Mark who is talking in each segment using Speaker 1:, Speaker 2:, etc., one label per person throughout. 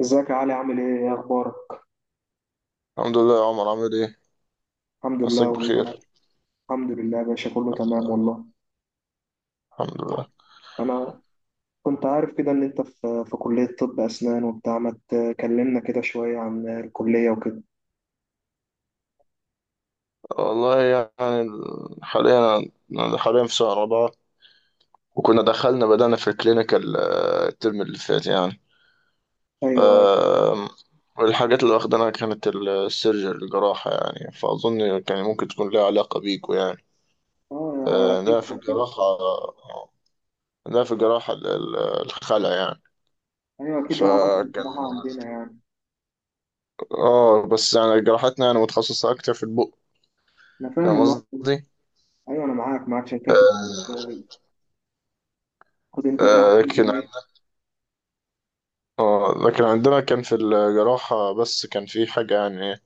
Speaker 1: ازيك يا علي؟ عامل ايه؟ اخبارك؟
Speaker 2: الحمد لله يا عمر، عامل ايه؟
Speaker 1: الحمد
Speaker 2: مساك
Speaker 1: لله والله
Speaker 2: بخير.
Speaker 1: الحمد لله يا باشا، كله تمام والله.
Speaker 2: الحمد لله.
Speaker 1: انا كنت عارف كده ان انت في كلية طب اسنان وبتاع. ما تكلمنا كده شوية عن الكلية وكده.
Speaker 2: والله يعني، ال- حاليا أنا حاليا في سنة رابعة. وكنا بدأنا في الكلينيكال، الترم اللي فات يعني.
Speaker 1: ايوه.
Speaker 2: آم، والحاجات اللي واخدناها كانت السيرجري، الجراحة يعني، فأظن كان ممكن تكون لها علاقة بيكو يعني.
Speaker 1: اه،
Speaker 2: آه،
Speaker 1: اكيد
Speaker 2: ده في
Speaker 1: اكيد
Speaker 2: الجراحة ده في الجراحة، الخلع يعني.
Speaker 1: ايوه اكيد لها علاقة
Speaker 2: فكان،
Speaker 1: بالجراحة عندنا يعني.
Speaker 2: اه بس يعني جراحتنا يعني متخصصة أكتر في البق.
Speaker 1: انا
Speaker 2: فاهم
Speaker 1: فاهم أصلاً.
Speaker 2: قصدي؟
Speaker 1: ايوه انا معاك، معاك. عشان كده انت
Speaker 2: آه.
Speaker 1: بتاخد انت جراحة في
Speaker 2: لكن،
Speaker 1: اليومين.
Speaker 2: اه لكن عندنا كان في الجراحة بس كان في حاجة يعني،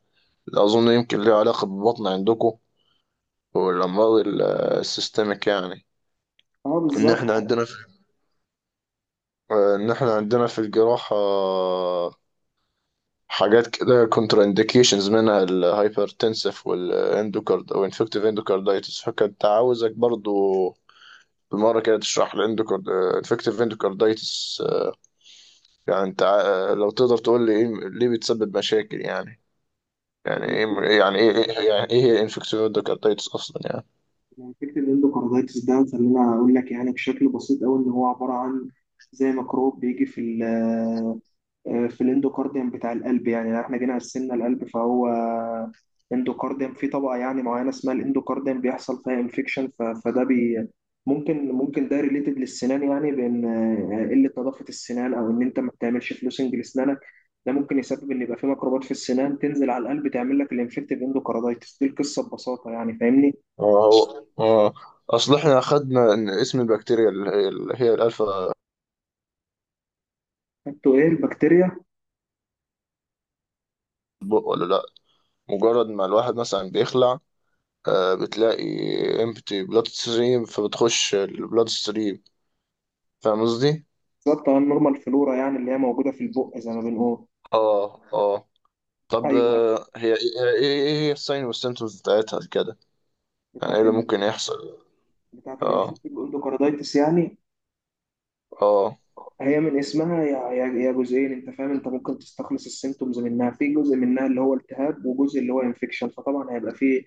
Speaker 2: أظن يمكن ليها علاقة بالبطن عندكم، والأمراض السيستميك يعني.
Speaker 1: اه
Speaker 2: إن
Speaker 1: بالظبط.
Speaker 2: إحنا عندنا في إن إحنا عندنا في الجراحة حاجات كده كونترا إنديكيشنز، منها الهايبرتنسف والإندوكارد أو إنفكتيف إندوكاردايتس. فكنت عاوزك برضو بالمرة كده تشرح إنفكتيف إندوكاردايتس يعني. أنت، لو تقدر تقول لي إيه ليه بتسبب مشاكل يعني. يعني ايه، يعني ايه انفكسيود كارتايتس اصلا يعني؟
Speaker 1: يعني فكرة الاندوكاردايتس ده، خلينا أقول لك يعني بشكل بسيط أوي، إن هو عبارة عن زي ميكروب بيجي في ال آه، في الاندوكارديوم بتاع القلب. يعني لو إحنا جينا قسمنا القلب، فهو اندوكارديوم، في طبقة يعني معينة اسمها الاندوكارديوم، بيحصل فيها انفكشن. فده بي ممكن ده ريليتد للسنان، يعني بإن قلة نظافة السنان، أو إن أنت ما بتعملش فلوسنج لسنانك، ده ممكن يسبب إن يبقى في ميكروبات في السنان تنزل على القلب تعمل لك الانفكتيف اندوكاردايتس. دي القصة ببساطة يعني، فاهمني؟
Speaker 2: هو اه. اصل احنا اخدنا ان اسم البكتيريا اللي هي الالفا،
Speaker 1: انتوا ايه البكتيريا؟
Speaker 2: بق ولا لا. مجرد ما الواحد مثلا بيخلع، آه بتلاقي امبتي بلاد ستريم، فبتخش البلاد ستريم. فاهم قصدي؟
Speaker 1: بالظبط، اه النورمال فلورا يعني، اللي هي موجوده في البق زي ما بنقول.
Speaker 2: اه اه. طب،
Speaker 1: ايوه.
Speaker 2: ايه ايه إيه هي الساين والسيمتومز بتاعتها كده؟ يعني ايه
Speaker 1: بتاعت
Speaker 2: اللي
Speaker 1: ال...
Speaker 2: ممكن يحصل؟
Speaker 1: بتاعت
Speaker 2: اه.
Speaker 1: الانفكتيف اندوكاردايتس يعني.
Speaker 2: اه.
Speaker 1: هي من اسمها يا جزئين، انت فاهم؟ انت ممكن تستخلص السيمتومز منها. في جزء منها اللي هو التهاب وجزء اللي هو انفكشن، فطبعا هيبقى فيه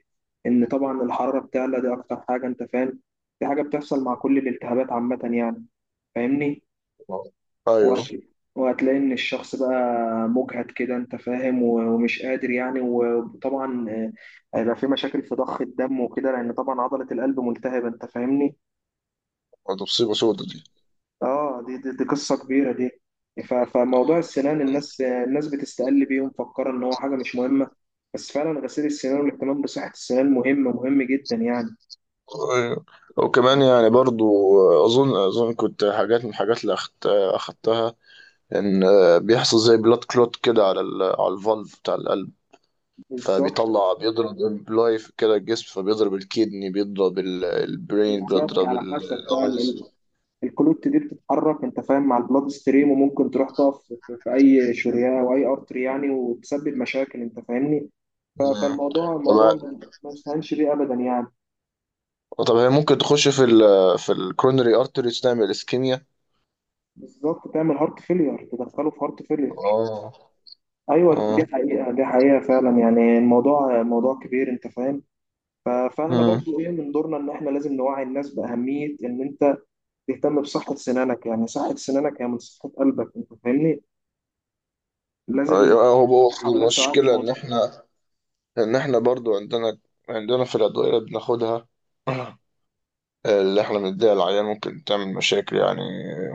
Speaker 1: ان طبعا الحراره بتعلى، دي اكتر حاجه انت فاهم. دي حاجه بتحصل مع كل الالتهابات عامه يعني، فاهمني؟
Speaker 2: آه. ايوه.
Speaker 1: وهت- وهتلاقي ان الشخص بقى مجهد كده، انت فاهم، ومش قادر يعني. وطبعا هيبقى في مشاكل في ضخ الدم وكده، لان طبعا عضلة القلب ملتهبة، انت فاهمني؟
Speaker 2: ده مصيبة سودا دي.
Speaker 1: اه، دي قصة كبيرة دي. فموضوع السنان، الناس بتستقل بيه ومفكرة ان هو حاجة مش مهمة، بس فعلا غسيل السنان والاهتمام بصحة السنان مهم، مهم جدا يعني.
Speaker 2: أيوة. وكمان يعني برضو، اظن كنت حاجات من الحاجات اللي اخدتها، ان بيحصل زي بلاد كلوت كده على على الفالف بتاع القلب.
Speaker 1: بالظبط.
Speaker 2: فبيطلع بيضرب امبلايف كده الجسم، فبيضرب الكدني، بيضرب البرين،
Speaker 1: بالظبط،
Speaker 2: بيضرب
Speaker 1: على حسب بقى
Speaker 2: الايز.
Speaker 1: الكلوت دي بتتحرك انت فاهم، مع البلاد ستريم، وممكن تروح تقف في اي شريان او اي ارتري يعني، وتسبب مشاكل انت فاهمني. ف- فالموضوع
Speaker 2: طب،
Speaker 1: الموضوع ما يستهانش بيه ابدا يعني.
Speaker 2: هي ممكن تخش في في الكورونري ارتريز، تعمل اسكيميا.
Speaker 1: بالظبط، تعمل هارت فيلير، تدخله في هارت فيلير.
Speaker 2: اه.
Speaker 1: ايوه، دي
Speaker 2: اه.
Speaker 1: حقيقه دي حقيقه فعلا يعني. الموضوع موضوع كبير انت فاهم. فاحنا
Speaker 2: مم.
Speaker 1: برضو ايه، من دورنا ان احنا لازم نوعي الناس باهميه ان انت تهتم بصحه سنانك. يعني صحه سنانك هي من صحه قلبك انت فاهمني. لازم
Speaker 2: هو هو
Speaker 1: في حاولات تعالج
Speaker 2: المشكلة إن
Speaker 1: الموضوع.
Speaker 2: إحنا، لأن إحنا برضو عندنا، عندنا في الأدوية اللي بناخدها اللي إحنا بنديها للعيان ممكن تعمل مشاكل يعني.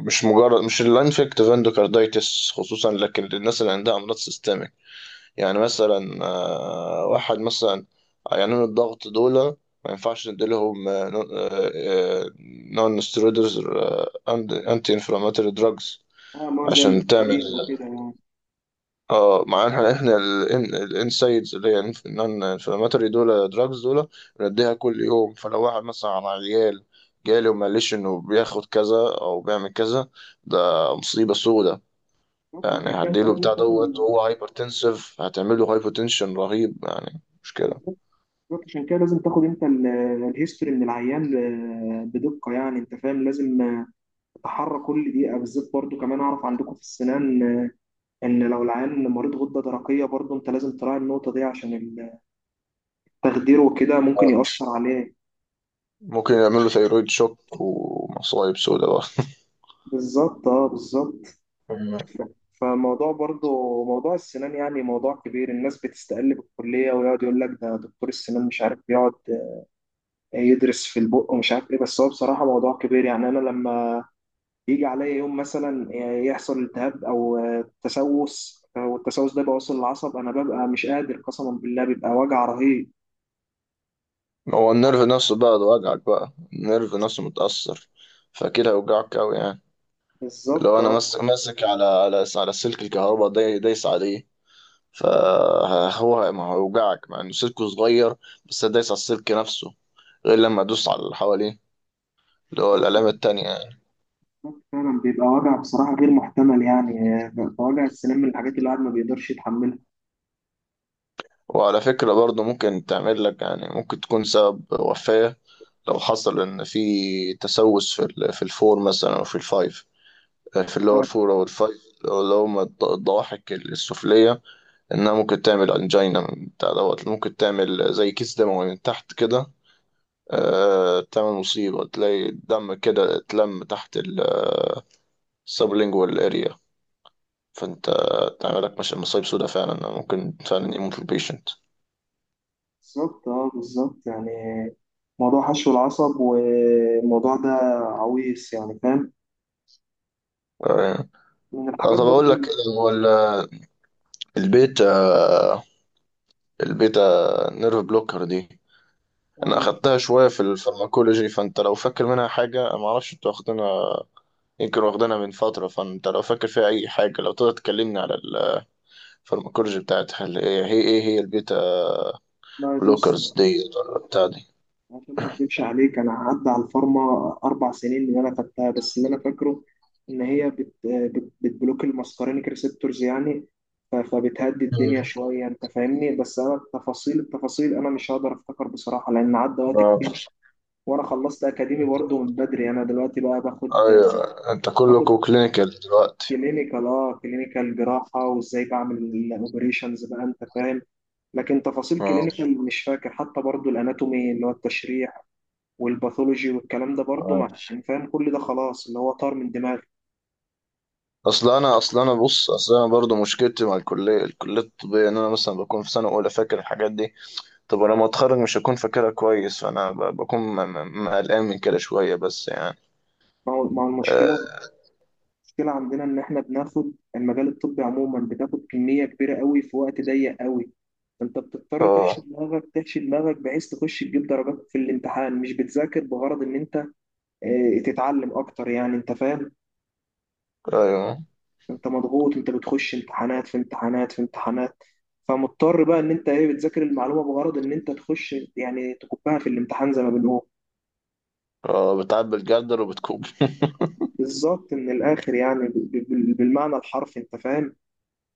Speaker 2: مش الانفكتيف اندوكاردايتس خصوصا، لكن للناس اللي عندها أمراض سيستميك. يعني مثلا، واحد مثلا، عيانين الضغط دول ما ينفعش نديلهم نون ستيرويدز انتي انفلاماتوري دراجز
Speaker 1: اه، ما زي
Speaker 2: عشان تعمل.
Speaker 1: الكورين وكده يعني.
Speaker 2: اه، معناها احنا الانسايدز اللي هي الانفلاماتوري دول دراجز دول بنديها كل يوم. فلو واحد مثلا على عيال جالي وما قاليش انه بياخد كذا او بيعمل كذا، ده مصيبه سودة
Speaker 1: بالظبط،
Speaker 2: يعني.
Speaker 1: عشان كده انت
Speaker 2: هديله
Speaker 1: لازم
Speaker 2: بتاع
Speaker 1: تاخد
Speaker 2: دوت وهو هايبر تنسيف، هتعمل له هايبر تنشن رهيب يعني، مش كده؟
Speaker 1: بالظبط. بالظبط، عشان كده لازم تاخد انت الهيستوري من العيان بدقه يعني، انت فاهم؟ لازم تتحرى كل دقيقه بالذات. برضو كمان، اعرف عندكم في السنان ان لو العيان مريض غده درقيه، برضو انت لازم تراعي النقطه دي، عشان التخدير وكده ممكن يأثر عليه.
Speaker 2: ممكن يعمل له ثيرويد شوك ومصايب سودة بقى.
Speaker 1: بالظبط، اه بالظبط.
Speaker 2: مم.
Speaker 1: فموضوع برضو، موضوع السنان يعني موضوع كبير. الناس بتستقل بالكلية، ويقعد يقول لك ده دكتور السنان مش عارف، يقعد يدرس في البق ومش عارف ايه. بس هو بصراحة موضوع كبير يعني. انا لما يجي عليا يوم مثلا يحصل التهاب او تسوس، والتسوس ده بيوصل للعصب، انا ببقى مش قادر قسما بالله، بيبقى وجع رهيب.
Speaker 2: هو النيرف نفسه بقى، ده وجعك بقى النيرف نفسه متأثر، فكده هيوجعك أوي يعني. اللي
Speaker 1: بالظبط،
Speaker 2: هو انا
Speaker 1: اه
Speaker 2: ماسك على على سلك الكهرباء، دايس عليه، فهو ما هيوجعك مع انه سلكه صغير، بس دايس على السلك نفسه، غير لما ادوس على اللي حواليه، اللي هو
Speaker 1: بالظبط.
Speaker 2: الآلام التانية يعني.
Speaker 1: بالظبط. فعلا بيبقى وجع بصراحة غير محتمل يعني. بيبقى وجع السنان من الحاجات اللي الواحد ما بيقدرش يتحملها.
Speaker 2: وعلى فكرة برضه ممكن تعمل لك يعني، ممكن تكون سبب وفاة لو حصل إن في تسوس في في الفور مثلا أو في الفايف، في اللور فور أو الفايف اللي هما الضواحك السفلية، إنها ممكن تعمل أنجينا من بتاع دوت، ممكن تعمل زي كيس دموي من تحت كده، تعمل مصيبة، تلاقي الدم كده اتلم تحت السبلينجوال اريا. فانت تعمل لك مش مصايب سودا، فعلا ممكن فعلا يموت البيشنت.
Speaker 1: بالظبط، اه بالظبط يعني. موضوع حشو العصب والموضوع ده عويص يعني، فاهم؟
Speaker 2: آه.
Speaker 1: من الحاجات
Speaker 2: طب اقول
Speaker 1: برضو
Speaker 2: لك،
Speaker 1: اللي-
Speaker 2: هو ال- البيتا البيتا نيرف بلوكر دي انا
Speaker 1: اه
Speaker 2: اخدتها شوية في الفارماكولوجي، فانت لو فاكر منها حاجة، ما اعرفش انت واخدينها، يمكن واخدينها من فترة. فانت لو فاكر فيها اي حاجة لو تقدر تكلمني على الفارماكولوجي بتاعتها، اللي هي ايه، هي البيتا
Speaker 1: لا، يبص،
Speaker 2: بلوكرز دي ولا بتاع
Speaker 1: عشان ما اكدبش عليك، انا عدى على الفارما اربع سنين اللي انا خدتها. بس اللي انا فاكره ان هي بت بت بتبلوك الماسكارينيك ريسبتورز يعني. فبتهدي الدنيا
Speaker 2: دي؟
Speaker 1: شويه انت فاهمني. بس انا التفاصيل، انا مش هقدر افتكر بصراحه، لان عدى وقت
Speaker 2: اه.
Speaker 1: كتير. وانا خلصت اكاديمي برضه من بدري. انا دلوقتي بقى باخد
Speaker 2: ايوه انت
Speaker 1: باخد
Speaker 2: كلكوا كلينيكال دلوقتي.
Speaker 1: كلينيكال. اه، كلينيكال جراحه وازاي بعمل الاوبريشنز بقى انت فاهم. لكن تفاصيل
Speaker 2: اه.
Speaker 1: كلينيكال مش فاكر، حتى برضو الاناتومي اللي هو التشريح والباثولوجي والكلام ده برضه، مع
Speaker 2: آه.
Speaker 1: عشان فاهم كل ده خلاص، اللي هو طار من دماغي.
Speaker 2: اصل انا برضه مشكلتي مع الكليه الطبيه، ان انا مثلا بكون في سنه اولى فاكر الحاجات دي. طب انا لما اتخرج مش هكون فاكرها كويس، فانا بكون قلقان من كده شويه، بس يعني.
Speaker 1: ما هو
Speaker 2: اه.
Speaker 1: المشكله، المشكله عندنا ان احنا بناخد المجال الطبي عموما، بتاخد كميه كبيره قوي في وقت ضيق قوي. انت بتضطر تحشي
Speaker 2: آه.
Speaker 1: دماغك تحشي دماغك بحيث تخش تجيب درجات في الامتحان. مش بتذاكر بغرض ان انت اه، تتعلم اكتر يعني، انت فاهم.
Speaker 2: ايوه.
Speaker 1: انت مضغوط، انت بتخش امتحانات في امتحانات. فمضطر بقى ان انت ايه، بتذاكر المعلومه بغرض ان انت تخش يعني تكبها في الامتحان زي ما بنقول.
Speaker 2: اه، بتعبي الجردل وبتكوب.
Speaker 1: بالظبط، من الاخر يعني بالمعنى الحرفي انت فاهم.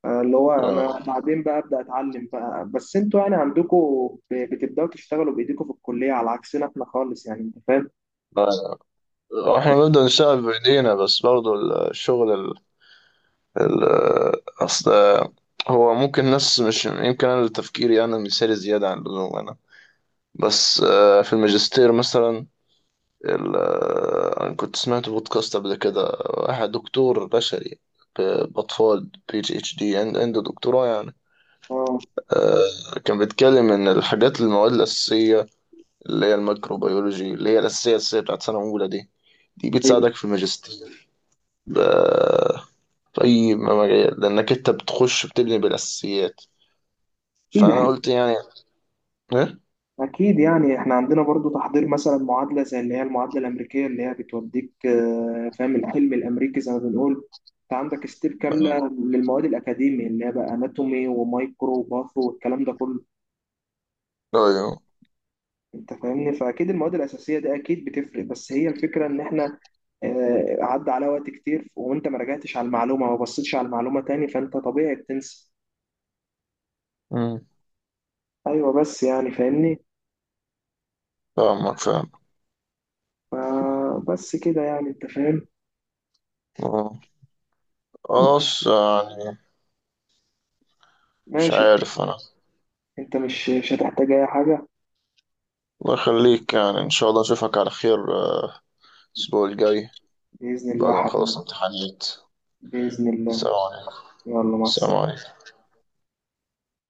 Speaker 1: اللي هو
Speaker 2: اه.
Speaker 1: انا بعدين بقى ابدا اتعلم بقى. بس انتوا يعني عندكم بتبداوا تشتغلوا بايديكم في الكليه، على عكسنا احنا خالص يعني انت فاهم.
Speaker 2: آه. احنا بنبدا نشتغل بايدينا، بس برضه الشغل، ال- اصل هو ممكن ناس، مش يمكن انا تفكيري انا مثالي زياده عن اللزوم انا، بس في الماجستير مثلا، انا كنت سمعت بودكاست قبل كده واحد دكتور بشري، باطفال PhD عنده دكتوراه يعني.
Speaker 1: اه
Speaker 2: كان بيتكلم ان المواد الاساسيه اللي هي الميكروبيولوجي، اللي هي الاساسيه بتاعت سنه اولى دي، دي
Speaker 1: طيب.
Speaker 2: بتساعدك في الماجستير، ب- في اي مجال، لانك انت بتخش بتبني بالاساسيات.
Speaker 1: اكيد
Speaker 2: فانا
Speaker 1: احنا،
Speaker 2: قلت يعني ايه.
Speaker 1: اكيد يعني احنا عندنا برضو تحضير مثلا، معادله زي اللي هي المعادله الامريكيه اللي هي بتوديك فاهم، الحلم الامريكي زي ما بنقول. انت عندك ستيب
Speaker 2: آه.
Speaker 1: كامله للمواد الاكاديميه، اللي هي بقى اناتومي ومايكرو وباثو والكلام ده كله،
Speaker 2: ايوه.
Speaker 1: انت فاهمني. فاكيد المواد الاساسيه دي اكيد بتفرق. بس هي الفكره ان احنا عدى على وقت كتير، وانت ما رجعتش على المعلومه، ما بصيتش على المعلومه تاني، فانت طبيعي بتنسى.
Speaker 2: أمم.
Speaker 1: ايوه بس يعني فاهمني.
Speaker 2: فاهمك، فاهم.
Speaker 1: ف- بس كده يعني انت فاهم.
Speaker 2: آه. خلاص يعني، مش
Speaker 1: ماشي،
Speaker 2: عارف انا.
Speaker 1: انت مش هتحتاج اي حاجه.
Speaker 2: الله يخليك، يعني ان شاء الله اشوفك على خير، آه، الاسبوع الجاي
Speaker 1: باذن الله
Speaker 2: بعد ما
Speaker 1: حبيبي.
Speaker 2: نخلص امتحانات.
Speaker 1: باذن الله.
Speaker 2: سلام عليكم.
Speaker 1: يلا، مع
Speaker 2: سلام
Speaker 1: السلامه.
Speaker 2: عليكم.